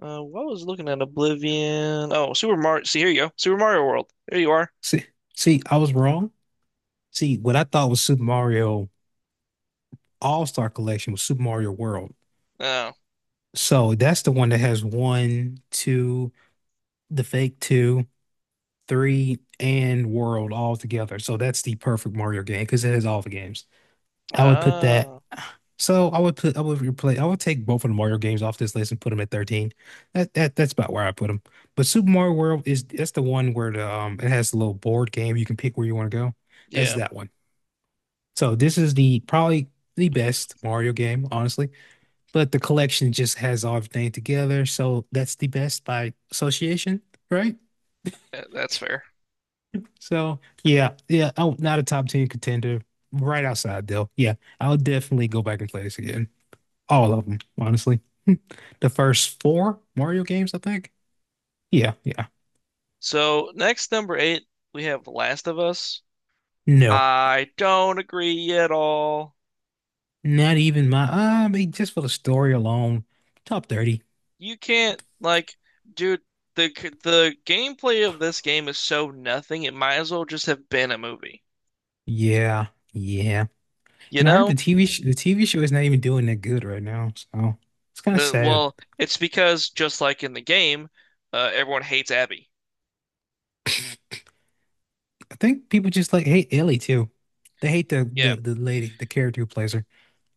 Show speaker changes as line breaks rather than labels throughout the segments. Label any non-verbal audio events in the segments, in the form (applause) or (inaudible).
What was looking at Oblivion? Oh, Super Mario. See, here you go. Super Mario World. There you are.
See, see, I was wrong. See, what I thought was Super Mario All-Star Collection was Super Mario World.
Oh,
So that's the one that has one, two, the fake two, three, and World all together. So that's the perfect Mario game because it has all the games. I would put that.
ah,
So I would replay, I would take both of the Mario games off this list and put them at 13. That's about where I put them. But Super Mario World is that's the one where the it has a little board game you can pick where you want to go. That's
yeah,
that one. So this is the probably the best Mario game, honestly. But the collection just has everything together, so that's the best by association, right?
that's fair.
So yeah, yeah. Oh, not a top 10 contender. Right outside though. Yeah, I'll definitely go back and play this again. All of them, honestly. (laughs) The first four Mario games, I think. Yeah, yeah.
So next number eight, we have Last of Us.
No,
I don't agree at all.
not even my. I mean, just for the story alone, top 30.
You can't like, dude. The the gameplay of this game is so nothing. It might as well just have been a movie.
Yeah, yeah.
You
And I heard
know?
the TV sh the TV show is not even doing that good right now, so it's kind of
The,
sad.
well, it's because just like in the game, everyone hates Abby.
I think people just like hate Ellie too. They hate the
Yeah.
the, the lady, the character who plays her.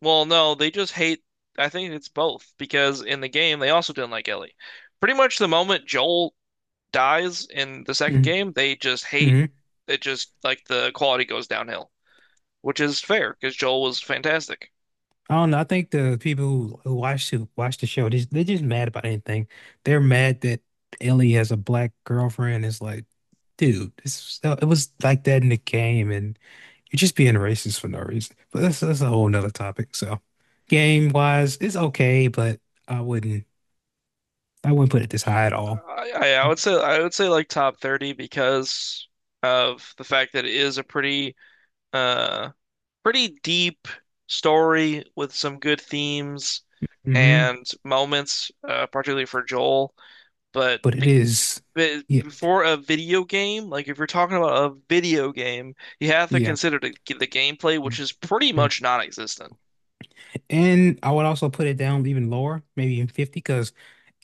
Well, no, they just hate. I think it's both because in the game they also didn't like Ellie. Pretty much the moment Joel dies in the second
Mm-hmm.
game, they just hate
Mm-hmm.
it. Just like the quality goes downhill, which is fair because Joel was fantastic.
I don't know. I think the people who watch the show, they're just mad about anything. They're mad that Ellie has a black girlfriend. It's like, dude, this it was like that in the game, and you're just being racist for no reason. But that's a whole nother topic. So, game wise, it's okay, but I wouldn't I wouldn't put it this high at all.
I would say like top 30 because of the fact that it is a pretty uh pretty deep story with some good themes
Hmm
and moments, particularly for Joel. But
But it
the
is,
but
yeah,
before a video game, like if you're talking about a video game, you have to
yeah.
consider the gameplay, which is pretty
Mhm.
much non-existent.
And I would also put it down even lower, maybe even 50, because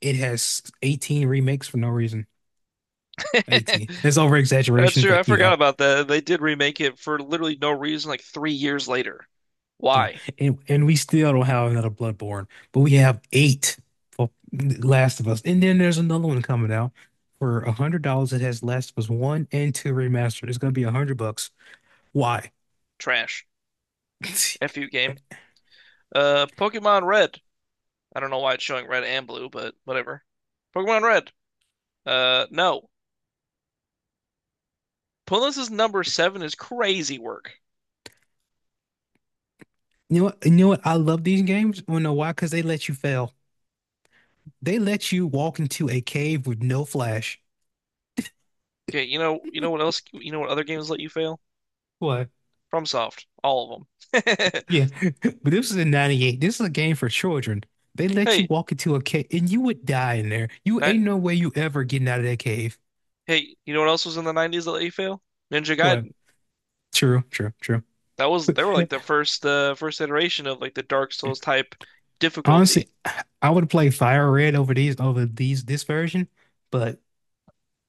it has 18 remakes for no reason.
(laughs)
18. It's over
That's
exaggeration,
true.
but
I forgot about that. They did remake it for literally no reason, like 3 years later.
yeah.
Why?
And we still don't have another Bloodborne, but we have eight for Last of Us. And then there's another one coming out for $100 that has Last of Us one and two remastered. It's gonna be $100. Why?
Trash. F
(laughs)
you game. Pokemon Red. I don't know why it's showing red and blue, but whatever. Pokemon Red. No. Punless's number seven is crazy work.
You know what? You know what? I love these games. Wanna know why? Because they let you fail. They let you walk into a cave with no flash.
Okay, you know what else? You know what other games let you fail?
What?
FromSoft, all of them. (laughs)
Yeah. (laughs) But this is in 98. This is a game for children. They let you
Hey,
walk into a cave and you would die in there. You
ni-
ain't no way you ever getting out of that cave.
hey, you know what else was in the 90s that let you fail? Ninja
What?
Gaiden.
True, true, true.
That was they were like the first first iteration of like the Dark Souls type difficulty.
Honestly, I would play Fire Red over these this version, but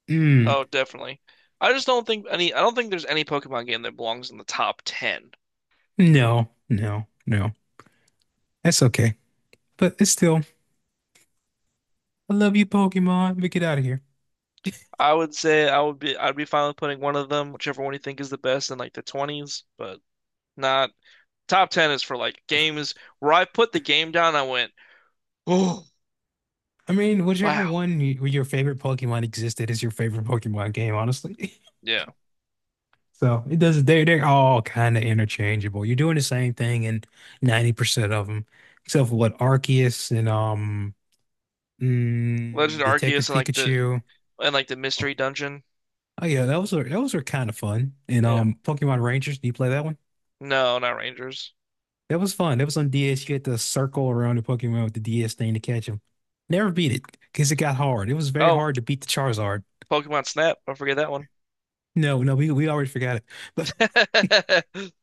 mm,
Oh, definitely. I don't think there's any Pokemon game that belongs in the top 10.
no, no, no. That's okay. But it's still, I love you, Pokemon, but get out of here.
I would say I'd be fine with putting one of them, whichever one you think is the best in like the 20s, but not top 10 is for like games where I put the game down and I went, (gasps) "Oh,
I mean,
wow."
your favorite Pokemon existed is your favorite Pokemon game, honestly. (laughs)
Yeah.
So it does. They're all kind of interchangeable. You're doing the same thing in 90% of them, except for what Arceus and
Legend of Arceus
Detective
and like the
Pikachu. Oh
mystery dungeon.
oh, yeah, those are kind of fun. And
Yeah.
Pokemon Rangers. Do you play that one?
No, not Rangers.
That was fun. That was on DS. You had to circle around the Pokemon with the DS thing to catch them. Never beat it because it got hard. It was very
Oh,
hard to beat the Charizard.
Pokemon Snap. Don't forget that one.
No, no, we already forgot it. (laughs)
(laughs)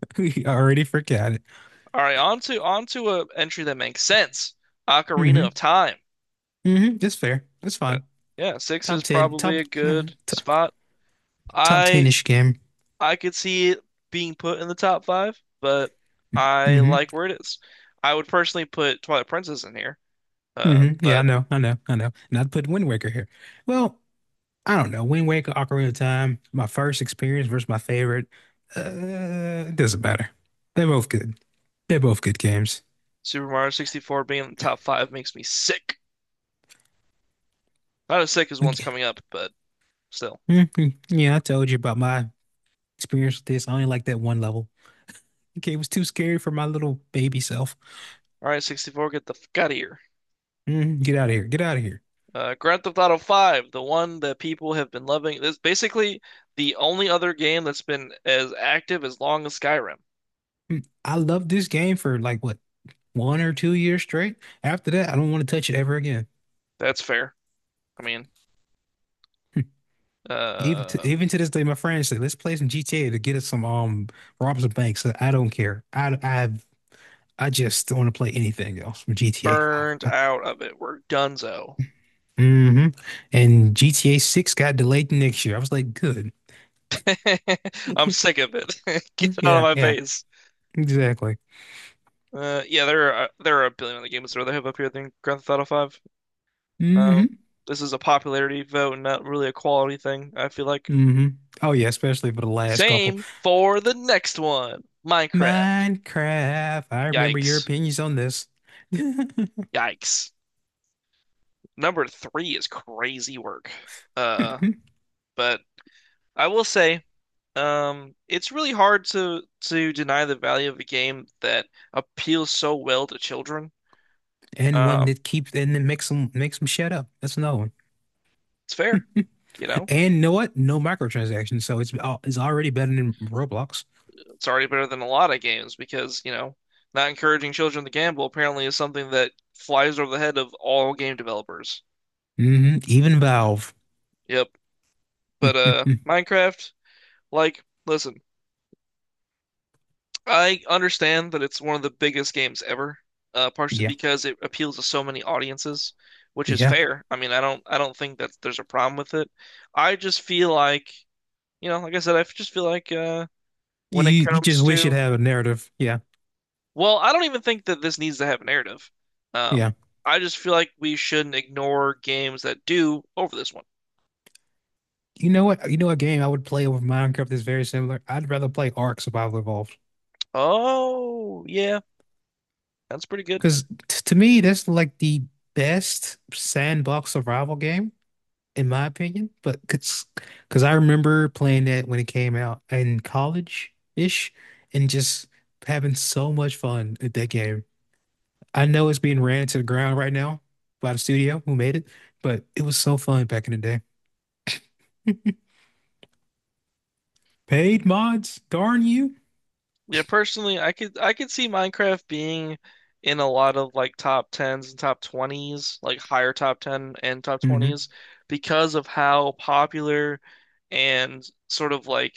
But we already forgot it.
All right, on to a entry that makes sense. Ocarina
Mm-hmm.
of Time.
Mm-hmm. That's fair. That's
Uh,
fine.
Yeah, six
Top
is
10,
probably
top,
a
no,
good
to-
spot.
Top
I
10-ish game.
I could see it being put in the top five, but I
Hmm
like where it is. I would personally put Twilight Princess in here,
hmm Yeah, I
but
know, I know, I know. And I put Wind Waker here. Well, I don't know. Wind Waker, Ocarina of Time, my first experience versus my favorite. It doesn't matter. They're both good. They're both good games.
Super Mario 64 being in the top five makes me sick. Not as sick as one's
Like,
coming up, but still.
mhm. Yeah, I told you about my experience with this. I only like that one level. Okay, it was too scary for my little baby self.
All right, 64, get the fuck out of here.
Mhm. Get out of here. Get out of here.
Grand Theft Auto 5, the one that people have been loving. It's basically the only other game that's been as active as long as Skyrim.
Mm. I loved this game for like what, 1 or 2 years straight. After that, I don't want to touch it ever again.
That's fair. I mean, uh,
Even to this day, my friends say, let's play some GTA to get us some rob some banks. So I don't care. I I just don't want to play anything else from GTA 5.
burned out of it. We're donezo.
Hmm And GTA 6 got delayed to next year. I was like, good.
(laughs) I'm sick of it. (laughs) Get it out of
Yeah,
my
yeah,
face.
exactly.
Yeah, there are a billion other games that they have up here than Grand Theft Auto 5. Um,
hmm
this is a popularity vote, and not really a quality thing. I feel like.
hmm Oh yeah, especially for the last couple.
Same for the next one, Minecraft.
Minecraft. I remember your
Yikes!
opinions on this. (laughs)
Yikes! Number three is crazy work. Uh, but I will say, it's really hard to deny the value of a game that appeals so well to children.
And one
Um,
that keeps and then makes them shut up. That's another one.
it's fair, you know.
And you know what? No microtransactions, so it's already better than Roblox.
It's already better than a lot of games because, you know, not encouraging children to gamble apparently is something that flies over the head of all game developers.
Hmm Even Valve.
Yep. But
(laughs)
Minecraft, like, listen. I understand that it's one of the biggest games ever, partially
Yeah,
because it appeals to so many audiences, which is
yeah.
fair. I mean, I don't think that there's a problem with it. I just feel like, you know, like I said, I just feel like
You
when it
you just
comes
wish it
to,
had a narrative. Yeah,
well, I don't even think that this needs to have a narrative.
yeah.
Um, I just feel like we shouldn't ignore games that do over this one.
You know what? You know a game I would play over Minecraft is very similar. I'd rather play Ark Survival Evolved
Oh, yeah, that's pretty good.
because to me that's like the best sandbox survival game in my opinion. But because I remember playing that when it came out in college ish, and just having so much fun at that game. I know it's being ran to the ground right now by the studio who made it, but it was so fun back in the day. Paid mods, darn you.
Yeah, personally, I could see Minecraft being in a lot of like top 10s and top 20s, like higher top 10 and top
Hmm
20s because of how popular and sort of like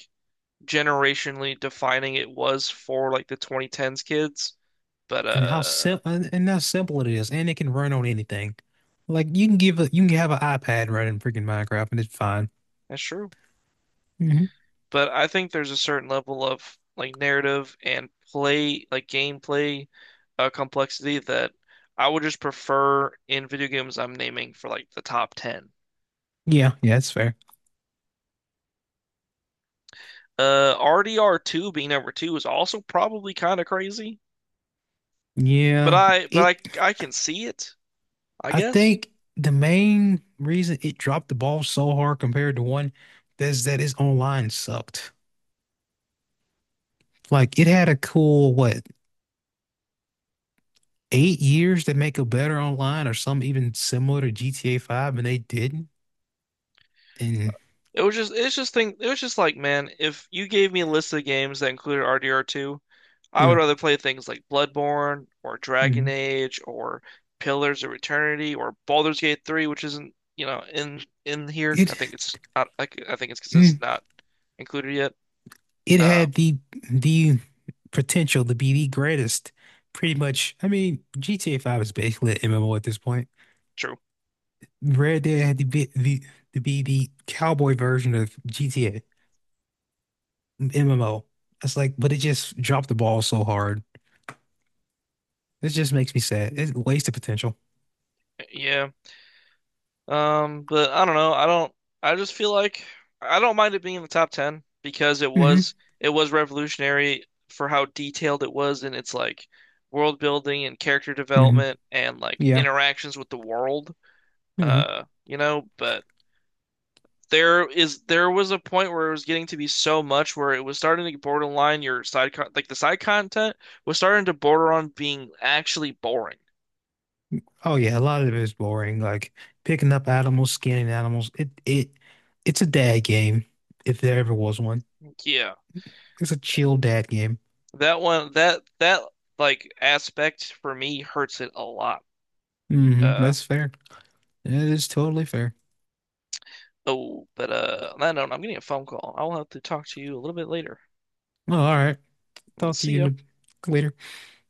generationally defining it was for like the 2010s kids. But
And how simple and how simple it is, and it can run on anything. Like you can have an iPad running freaking Minecraft, and it's fine.
that's true.
Hmm
But I think there's a certain level of like narrative and play, like gameplay complexity that I would just prefer in video games I'm naming for like the top 10.
Yeah, yeah, that's fair.
RDR2 being number two is also probably kind of crazy, but
Yeah, it.
I can see it, I
I
guess.
think the main reason it dropped the ball so hard compared to one is that its online sucked. Like it had a cool what 8 years to make a better online or some even similar to GTA 5 and they didn't and
It was just it was just like, man, if you gave me a list of games that included RDR2, I would
Yeah.
rather play things like Bloodborne or Dragon
Mhm.
Age or Pillars of Eternity or Baldur's Gate 3, which isn't, you know, in here. I
it
think it's not like I think it's because it's
mm,
not included yet.
it
Um,
had the potential to be the greatest pretty much. I mean GTA 5 is basically an MMO at this point.
true.
Red Dead had to be the cowboy version of GTA MMO. It's like, but it just dropped the ball so hard. It just makes me sad, it wasted potential.
Yeah. But I don't know. I don't I just feel like I don't mind it being in the top 10 because
Hmm
it was revolutionary for how detailed it was in its like world building and character
hmm
development and like
yeah
interactions with the world.
Mhm.
You know, but there was a point where it was getting to be so much where it was starting to get borderline your side con like the side content was starting to border on being actually boring.
Oh yeah, a lot of it is boring. Like picking up animals, scanning animals. It it's a dad game, if there ever was one.
Yeah.
It's a chill dad game.
That one, that that like aspect for me hurts it a lot.
Hmm
Uh
That's fair. It is totally fair.
oh, but on that note, I'm getting a phone call. I'll have to talk to you a little bit later.
Well, all right. Talk to
See
you in
ya.
a, Later.